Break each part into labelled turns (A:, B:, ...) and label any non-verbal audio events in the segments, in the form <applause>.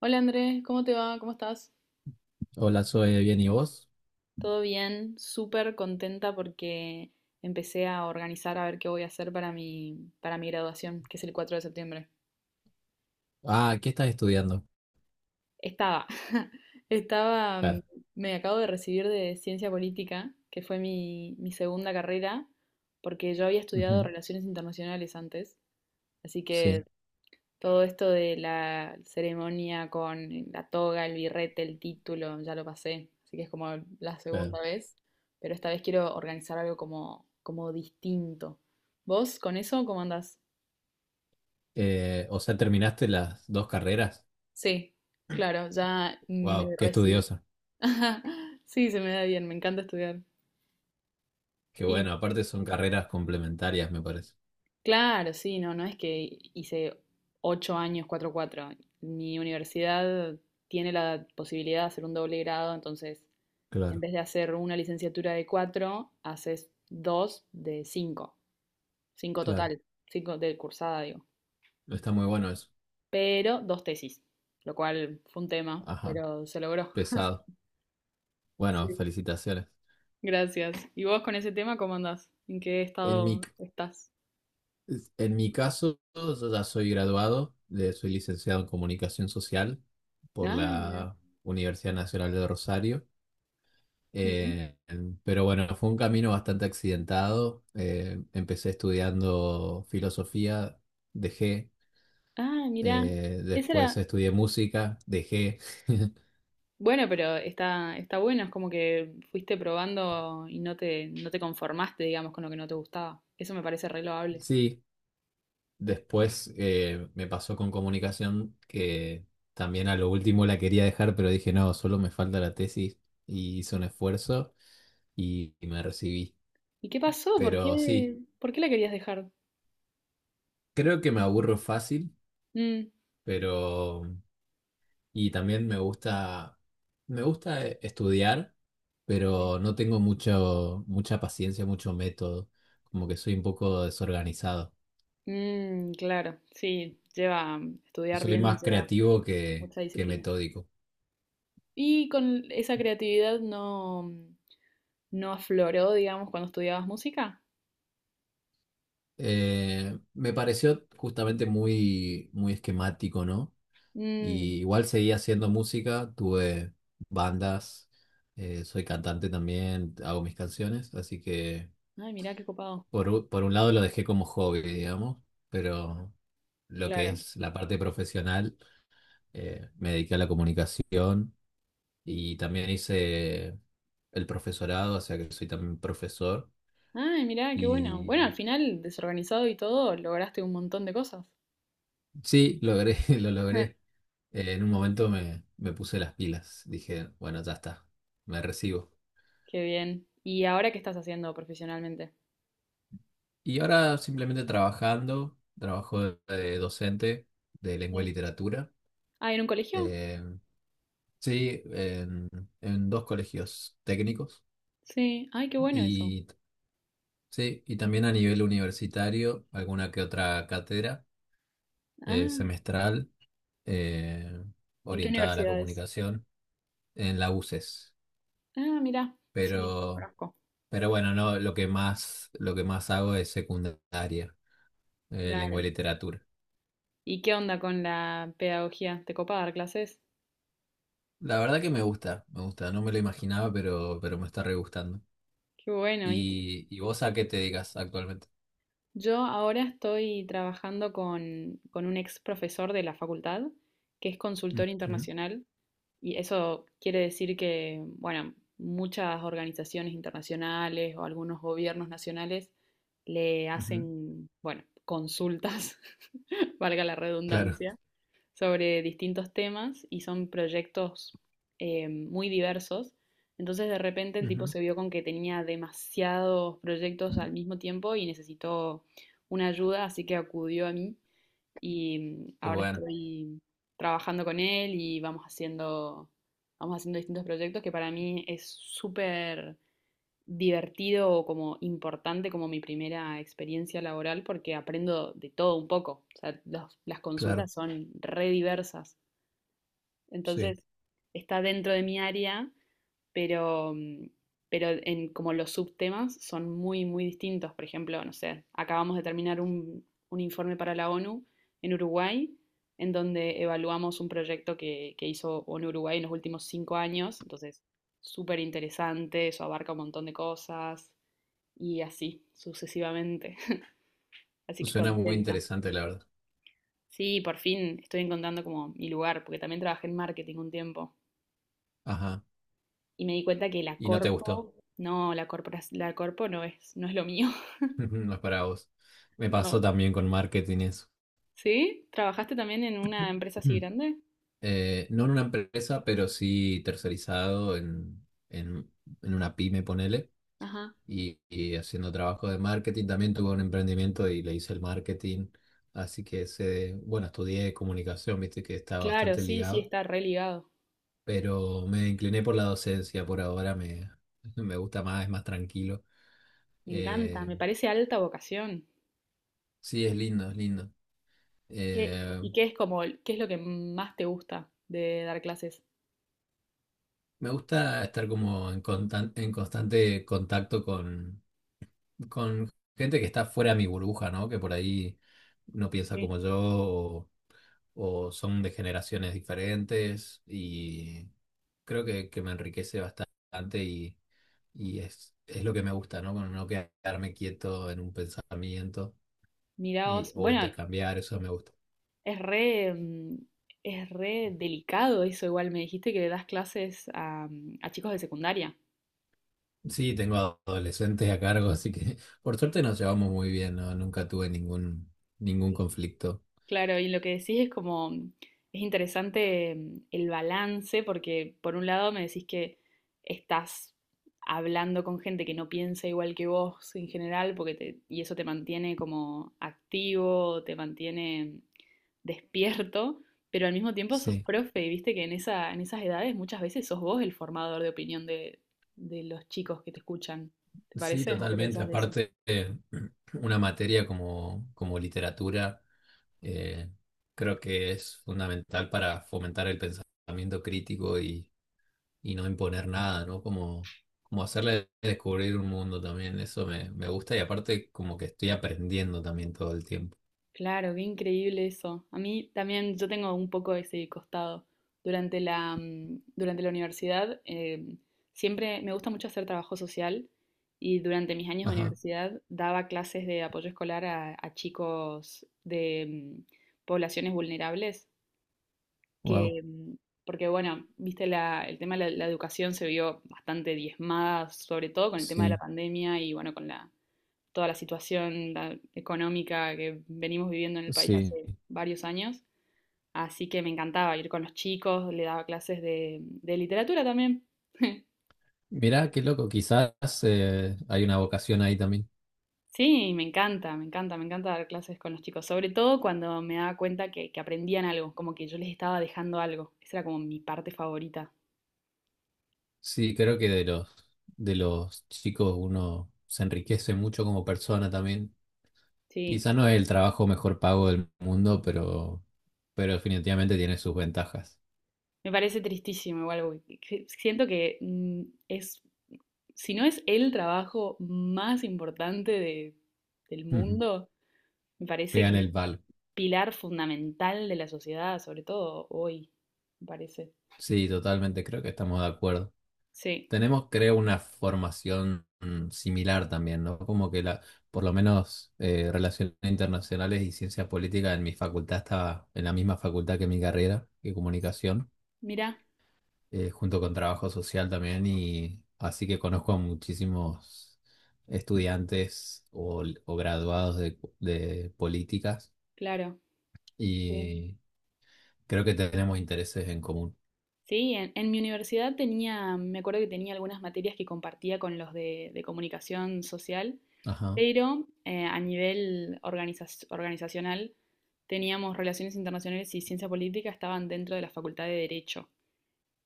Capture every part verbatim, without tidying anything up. A: Hola Andrés, ¿cómo te va? ¿Cómo estás?
B: Hola, soy bien, ¿y vos?
A: Todo bien, súper contenta porque empecé a organizar a ver qué voy a hacer para mi, para mi graduación, que es el cuatro de septiembre.
B: Ah, ¿qué estás estudiando?
A: Estaba, <laughs> estaba, mm,
B: Claro.
A: me acabo de recibir de ciencia política, que fue mi, mi segunda carrera, porque yo había estudiado
B: Ujú,
A: relaciones internacionales antes, así que
B: sí,
A: todo esto de la ceremonia con la toga, el birrete, el título, ya lo pasé, así que es como la
B: claro.
A: segunda vez, pero esta vez quiero organizar algo como, como distinto. ¿Vos con eso cómo andás?
B: Eh, o sea, terminaste las dos carreras.
A: Sí, claro, ya me
B: Wow, qué
A: recibí.
B: estudiosa.
A: <laughs> Ajá, sí, se me da bien, me encanta estudiar.
B: Qué bueno, aparte son carreras complementarias, me parece.
A: Claro, sí, no, no es que hice ocho años cuatro cuatro Mi universidad tiene la posibilidad de hacer un doble grado, entonces en
B: Claro,
A: vez de hacer una licenciatura de cuatro, haces dos de cinco, cinco
B: claro.
A: total, cinco de cursada, digo,
B: Está muy bueno eso.
A: pero dos tesis, lo cual fue un tema,
B: Ajá,
A: pero se logró. <laughs>
B: pesado. Bueno,
A: Sí.
B: felicitaciones.
A: Gracias. ¿Y vos con ese tema cómo andás? ¿En qué
B: En mi,
A: estado estás?
B: en mi caso, yo ya soy graduado, de- soy licenciado en comunicación social por
A: Ah, mira.
B: la Universidad Nacional de Rosario. Eh, pero bueno, fue un camino bastante accidentado. Eh, empecé estudiando filosofía, dejé.
A: Ah, mira.
B: Eh,
A: Esa
B: después
A: era.
B: estudié música, dejé. <laughs>
A: Bueno, pero está, está bueno, es como que fuiste probando y no te, no te conformaste, digamos, con lo que no te gustaba. Eso me parece re loable.
B: Sí, después eh, me pasó con comunicación que también a lo último la quería dejar, pero dije, no, solo me falta la tesis y hice un esfuerzo y, y me recibí.
A: ¿Y qué pasó? ¿Por
B: Pero sí,
A: qué, por qué la querías dejar?
B: creo que me aburro fácil,
A: Mm.
B: pero y también me gusta, me gusta eh, estudiar,
A: Sí.
B: pero no tengo mucho, mucha paciencia, mucho método. Como que soy un poco desorganizado.
A: Mm, claro, sí, lleva, estudiar
B: Soy
A: bien
B: más
A: lleva
B: creativo que,
A: mucha
B: que
A: disciplina.
B: metódico.
A: ¿Y con esa creatividad no, no afloró, digamos, cuando estudiabas música?
B: Eh, me pareció justamente muy, muy esquemático, ¿no?
A: Mm,
B: Y igual seguí haciendo música, tuve bandas, eh, soy cantante también, hago mis canciones, así que
A: ay, mirá qué copado.
B: por, u- por un lado lo dejé como hobby, digamos, pero lo que
A: Claro.
B: es la parte profesional, eh, me dediqué a la comunicación y también hice el profesorado, o sea que soy también profesor.
A: Ay, mirá, qué bueno. Bueno, al
B: Y
A: final, desorganizado y todo, lograste un montón de cosas.
B: sí, logré, <laughs> lo logré.
A: <laughs>
B: Eh, en un momento me, me puse las pilas, dije, bueno, ya está, me recibo.
A: Qué bien. ¿Y ahora qué estás haciendo profesionalmente?
B: Y ahora simplemente trabajando, trabajo de, de docente de lengua y
A: Sí.
B: literatura.
A: Ah, ¿en un colegio?
B: eh, Sí, en, en dos colegios técnicos
A: Sí. Ay, qué bueno eso.
B: y sí, y también a nivel universitario, alguna que otra cátedra eh,
A: Ah,
B: semestral eh,
A: ¿en qué
B: orientada a la
A: universidades?
B: comunicación en la UCES.
A: Ah, mira. Sí,
B: Pero,
A: conozco.
B: pero bueno, no, lo que más, lo que más hago es secundaria, eh, lengua y
A: Claro.
B: literatura.
A: ¿Y qué onda con la pedagogía? ¿Te copa dar clases?
B: La verdad que me gusta, me gusta, no me lo imaginaba, pero, pero me está re gustando.
A: Qué bueno. Y
B: ¿Y, y vos a qué te dedicas actualmente?
A: yo ahora estoy trabajando con, con un ex profesor de la facultad, que es consultor
B: Ujú,
A: internacional, y eso quiere decir que, bueno, muchas organizaciones internacionales o algunos gobiernos nacionales le
B: ujú,
A: hacen, bueno, consultas, <laughs> valga la
B: claro.
A: redundancia, sobre distintos temas y son proyectos eh, muy diversos. Entonces de repente el tipo
B: Ujú.
A: se vio con que tenía demasiados proyectos al mismo tiempo y necesitó una ayuda, así que acudió a mí y
B: Qué
A: ahora
B: bueno,
A: estoy trabajando con él y vamos haciendo, vamos haciendo distintos proyectos que para mí es súper divertido o como importante como mi primera experiencia laboral porque aprendo de todo un poco. O sea, los- las
B: claro,
A: consultas son re diversas.
B: sí.
A: Entonces, está dentro de mi área, pero, mm, pero en como los subtemas son muy, muy distintos. Por ejemplo, no sé, acabamos de terminar un, un informe para la ONU en Uruguay, en donde evaluamos un proyecto que, que hizo ONU Uruguay en los últimos cinco años. Entonces, súper interesante, eso abarca un montón de cosas y así sucesivamente. <laughs> Así que
B: Suena muy
A: contenta.
B: interesante, la verdad.
A: Sí, por fin estoy encontrando como mi lugar, porque también trabajé en marketing un tiempo
B: Ajá.
A: y me di cuenta que la
B: Y no te gustó.
A: corpo, no, la corpora- la corpo no es, no es lo mío. <laughs>
B: <laughs> No es para vos. Me pasó
A: No.
B: también con marketing eso.
A: ¿Sí? ¿Trabajaste también en una empresa
B: Mm.
A: así grande?
B: Eh, no en una empresa, pero sí tercerizado en, en, en una pyme, ponele.
A: Ajá.
B: Y, y haciendo trabajo de marketing. También tuve un emprendimiento y le hice el marketing. Así que se bueno, estudié comunicación, viste que estaba
A: Claro,
B: bastante
A: sí, sí,
B: ligado.
A: está re ligado.
B: Pero me incliné por la docencia por ahora. Me, <laughs> me gusta más, es más tranquilo.
A: Me encanta,
B: Eh,
A: me parece alta vocación.
B: Sí, es lindo, es lindo.
A: ¿Qué,
B: Eh,
A: y qué es como, qué es lo que más te gusta de dar clases?
B: Me gusta estar como en, constan- en constante contacto con, con gente que está fuera de mi burbuja, ¿no? Que por ahí no piensa
A: Sí.
B: como yo o, o son de generaciones diferentes y creo que, que me enriquece bastante y, y es, es lo que me gusta, ¿no? Con no quedarme quieto en un pensamiento y-
A: Miraos,
B: o
A: bueno,
B: intercambiar, eso me gusta.
A: es re, mm, es re delicado eso, igual me dijiste que le das clases a, mm, a chicos de secundaria.
B: Sí, tengo adolescentes a cargo, así que <laughs> por suerte nos llevamos muy bien, ¿no? Nunca tuve ningún, ningún conflicto.
A: Claro, y lo que decís es como, mm, es interesante mm, el balance, porque por un lado me decís que estás hablando con gente que no piensa igual que vos en general, porque te- y eso te mantiene como activo, te mantiene despierto, pero al mismo tiempo sos
B: Sí,
A: profe, y viste que en esa, en esas edades muchas veces sos vos el formador de opinión de, de los chicos que te escuchan. ¿Te
B: sí,
A: parece? ¿O qué
B: totalmente.
A: pensás de eso?
B: Aparte, eh, <clears throat> una materia como, como literatura, eh, creo que es fundamental para fomentar el pensamiento crítico y, y no imponer nada, ¿no? Como, como hacerle descubrir un mundo también, eso me, me gusta y aparte como que estoy aprendiendo también todo el tiempo.
A: Claro, qué increíble eso. A mí también, yo tengo un poco ese costado. Durante la, mm, durante la universidad, eh, siempre me gusta mucho hacer trabajo social y durante mis años de
B: Ajá,
A: universidad daba clases de apoyo escolar a, a chicos de mm, poblaciones vulnerables,
B: wow.
A: que, mm, porque bueno, viste, la, el tema de la, la educación se vio bastante diezmada, sobre todo con el tema de la
B: Sí,
A: pandemia y bueno, con la, toda la situación la económica que venimos viviendo en el país
B: sí.
A: hace varios años. Así que me encantaba ir con los chicos, le daba clases de, de literatura también. <laughs>
B: Mirá, qué loco, quizás eh, hay una vocación ahí también.
A: Sí, me encanta, me encanta, me encanta dar clases con los chicos, sobre todo cuando me daba cuenta que, que aprendían algo, como que yo les estaba dejando algo. Esa era como mi parte favorita.
B: Sí, creo que de los, de los chicos uno se enriquece mucho como persona también.
A: Sí,
B: Quizá no es el trabajo mejor pago del mundo, pero, pero definitivamente tiene sus ventajas.
A: me parece tristísimo igual, porque que- siento que mm, es, si no es el trabajo más importante de- del
B: <laughs> Ujú.
A: mundo, me parece
B: Pegan
A: que es
B: el palo.
A: pilar fundamental de la sociedad, sobre todo hoy, me parece.
B: Sí, totalmente, creo que estamos de acuerdo.
A: Sí,
B: Tenemos, creo, una formación mm, similar también, ¿no? Como que la, por lo menos eh, relaciones internacionales y ciencia política en mi facultad estaba en la misma facultad que mi carrera, que comunicación,
A: mira,
B: eh, junto con trabajo social también, y así que conozco a muchísimos estudiantes o, o graduados de, de políticas
A: claro. Sí,
B: y creo que tenemos intereses en común.
A: sí, en, en mi universidad tenía, me acuerdo que tenía algunas materias que compartía con los de, de comunicación social,
B: Ajá.
A: pero eh, a nivel organiza- organizacional teníamos relaciones internacionales y ciencia política estaban dentro de la facultad de Derecho.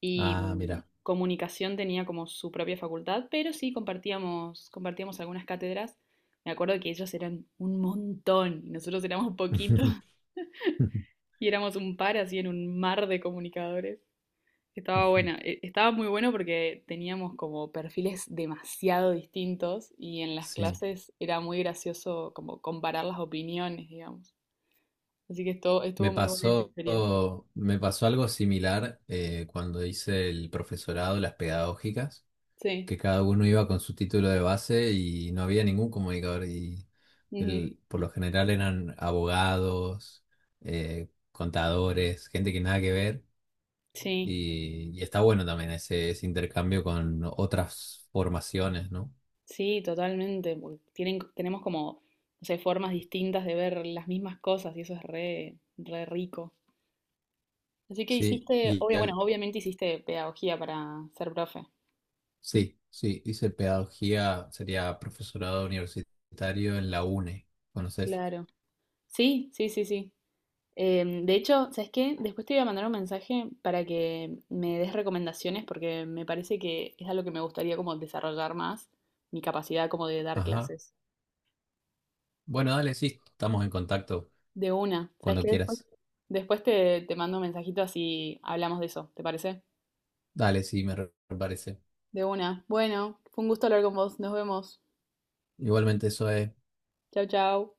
A: Y
B: Ah,
A: mm,
B: mira.
A: comunicación tenía como su propia facultad, pero sí compartíamos, compartíamos algunas cátedras. Me acuerdo que ellos eran un montón y nosotros éramos poquitos
B: <laughs>
A: <laughs> y éramos un par así en un mar de comunicadores. Estaba buena, e- estaba muy bueno porque teníamos como perfiles demasiado distintos y en las
B: Sí.
A: clases era muy gracioso como comparar las opiniones, digamos. Así que esto,
B: Me
A: estuvo muy buena esa
B: pasó,
A: experiencia.
B: Me pasó algo similar eh, cuando hice el profesorado, las pedagógicas,
A: Sí,
B: que cada uno iba con su título de base y no había ningún comunicador. Y
A: ujú,
B: el- por lo general eran abogados, eh, contadores, gente que nada que ver.
A: sí.
B: Y, y está bueno también ese, ese intercambio con otras formaciones, ¿no?
A: Sí, totalmente, porque tienen, tenemos como, no sé, formas distintas de ver las mismas cosas y eso es re, re rico. Así que
B: Sí,
A: hiciste,
B: y
A: obvia,
B: al-
A: bueno, obviamente hiciste pedagogía para ser profe.
B: sí, sí, hice pedagogía, sería profesorado universitario en la UNE. ¿Conoces?
A: Claro. Sí, sí, sí, sí. Em, de hecho, ¿sabes qué? Después te voy a mandar un mensaje para que me des recomendaciones porque me parece que es algo que me gustaría como desarrollar más, mi capacidad como de dar
B: Ajá.
A: clases.
B: Bueno, dale, sí, estamos en contacto
A: De una. ¿Sabes
B: cuando
A: qué? Después,
B: quieras.
A: después te, te mando un mensajito así hablamos de eso, ¿te parece?
B: Dale, sí, me re- me parece.
A: De una. Bueno, fue un gusto hablar con vos. Nos vemos.
B: Igualmente, eso es.
A: Chau, chau.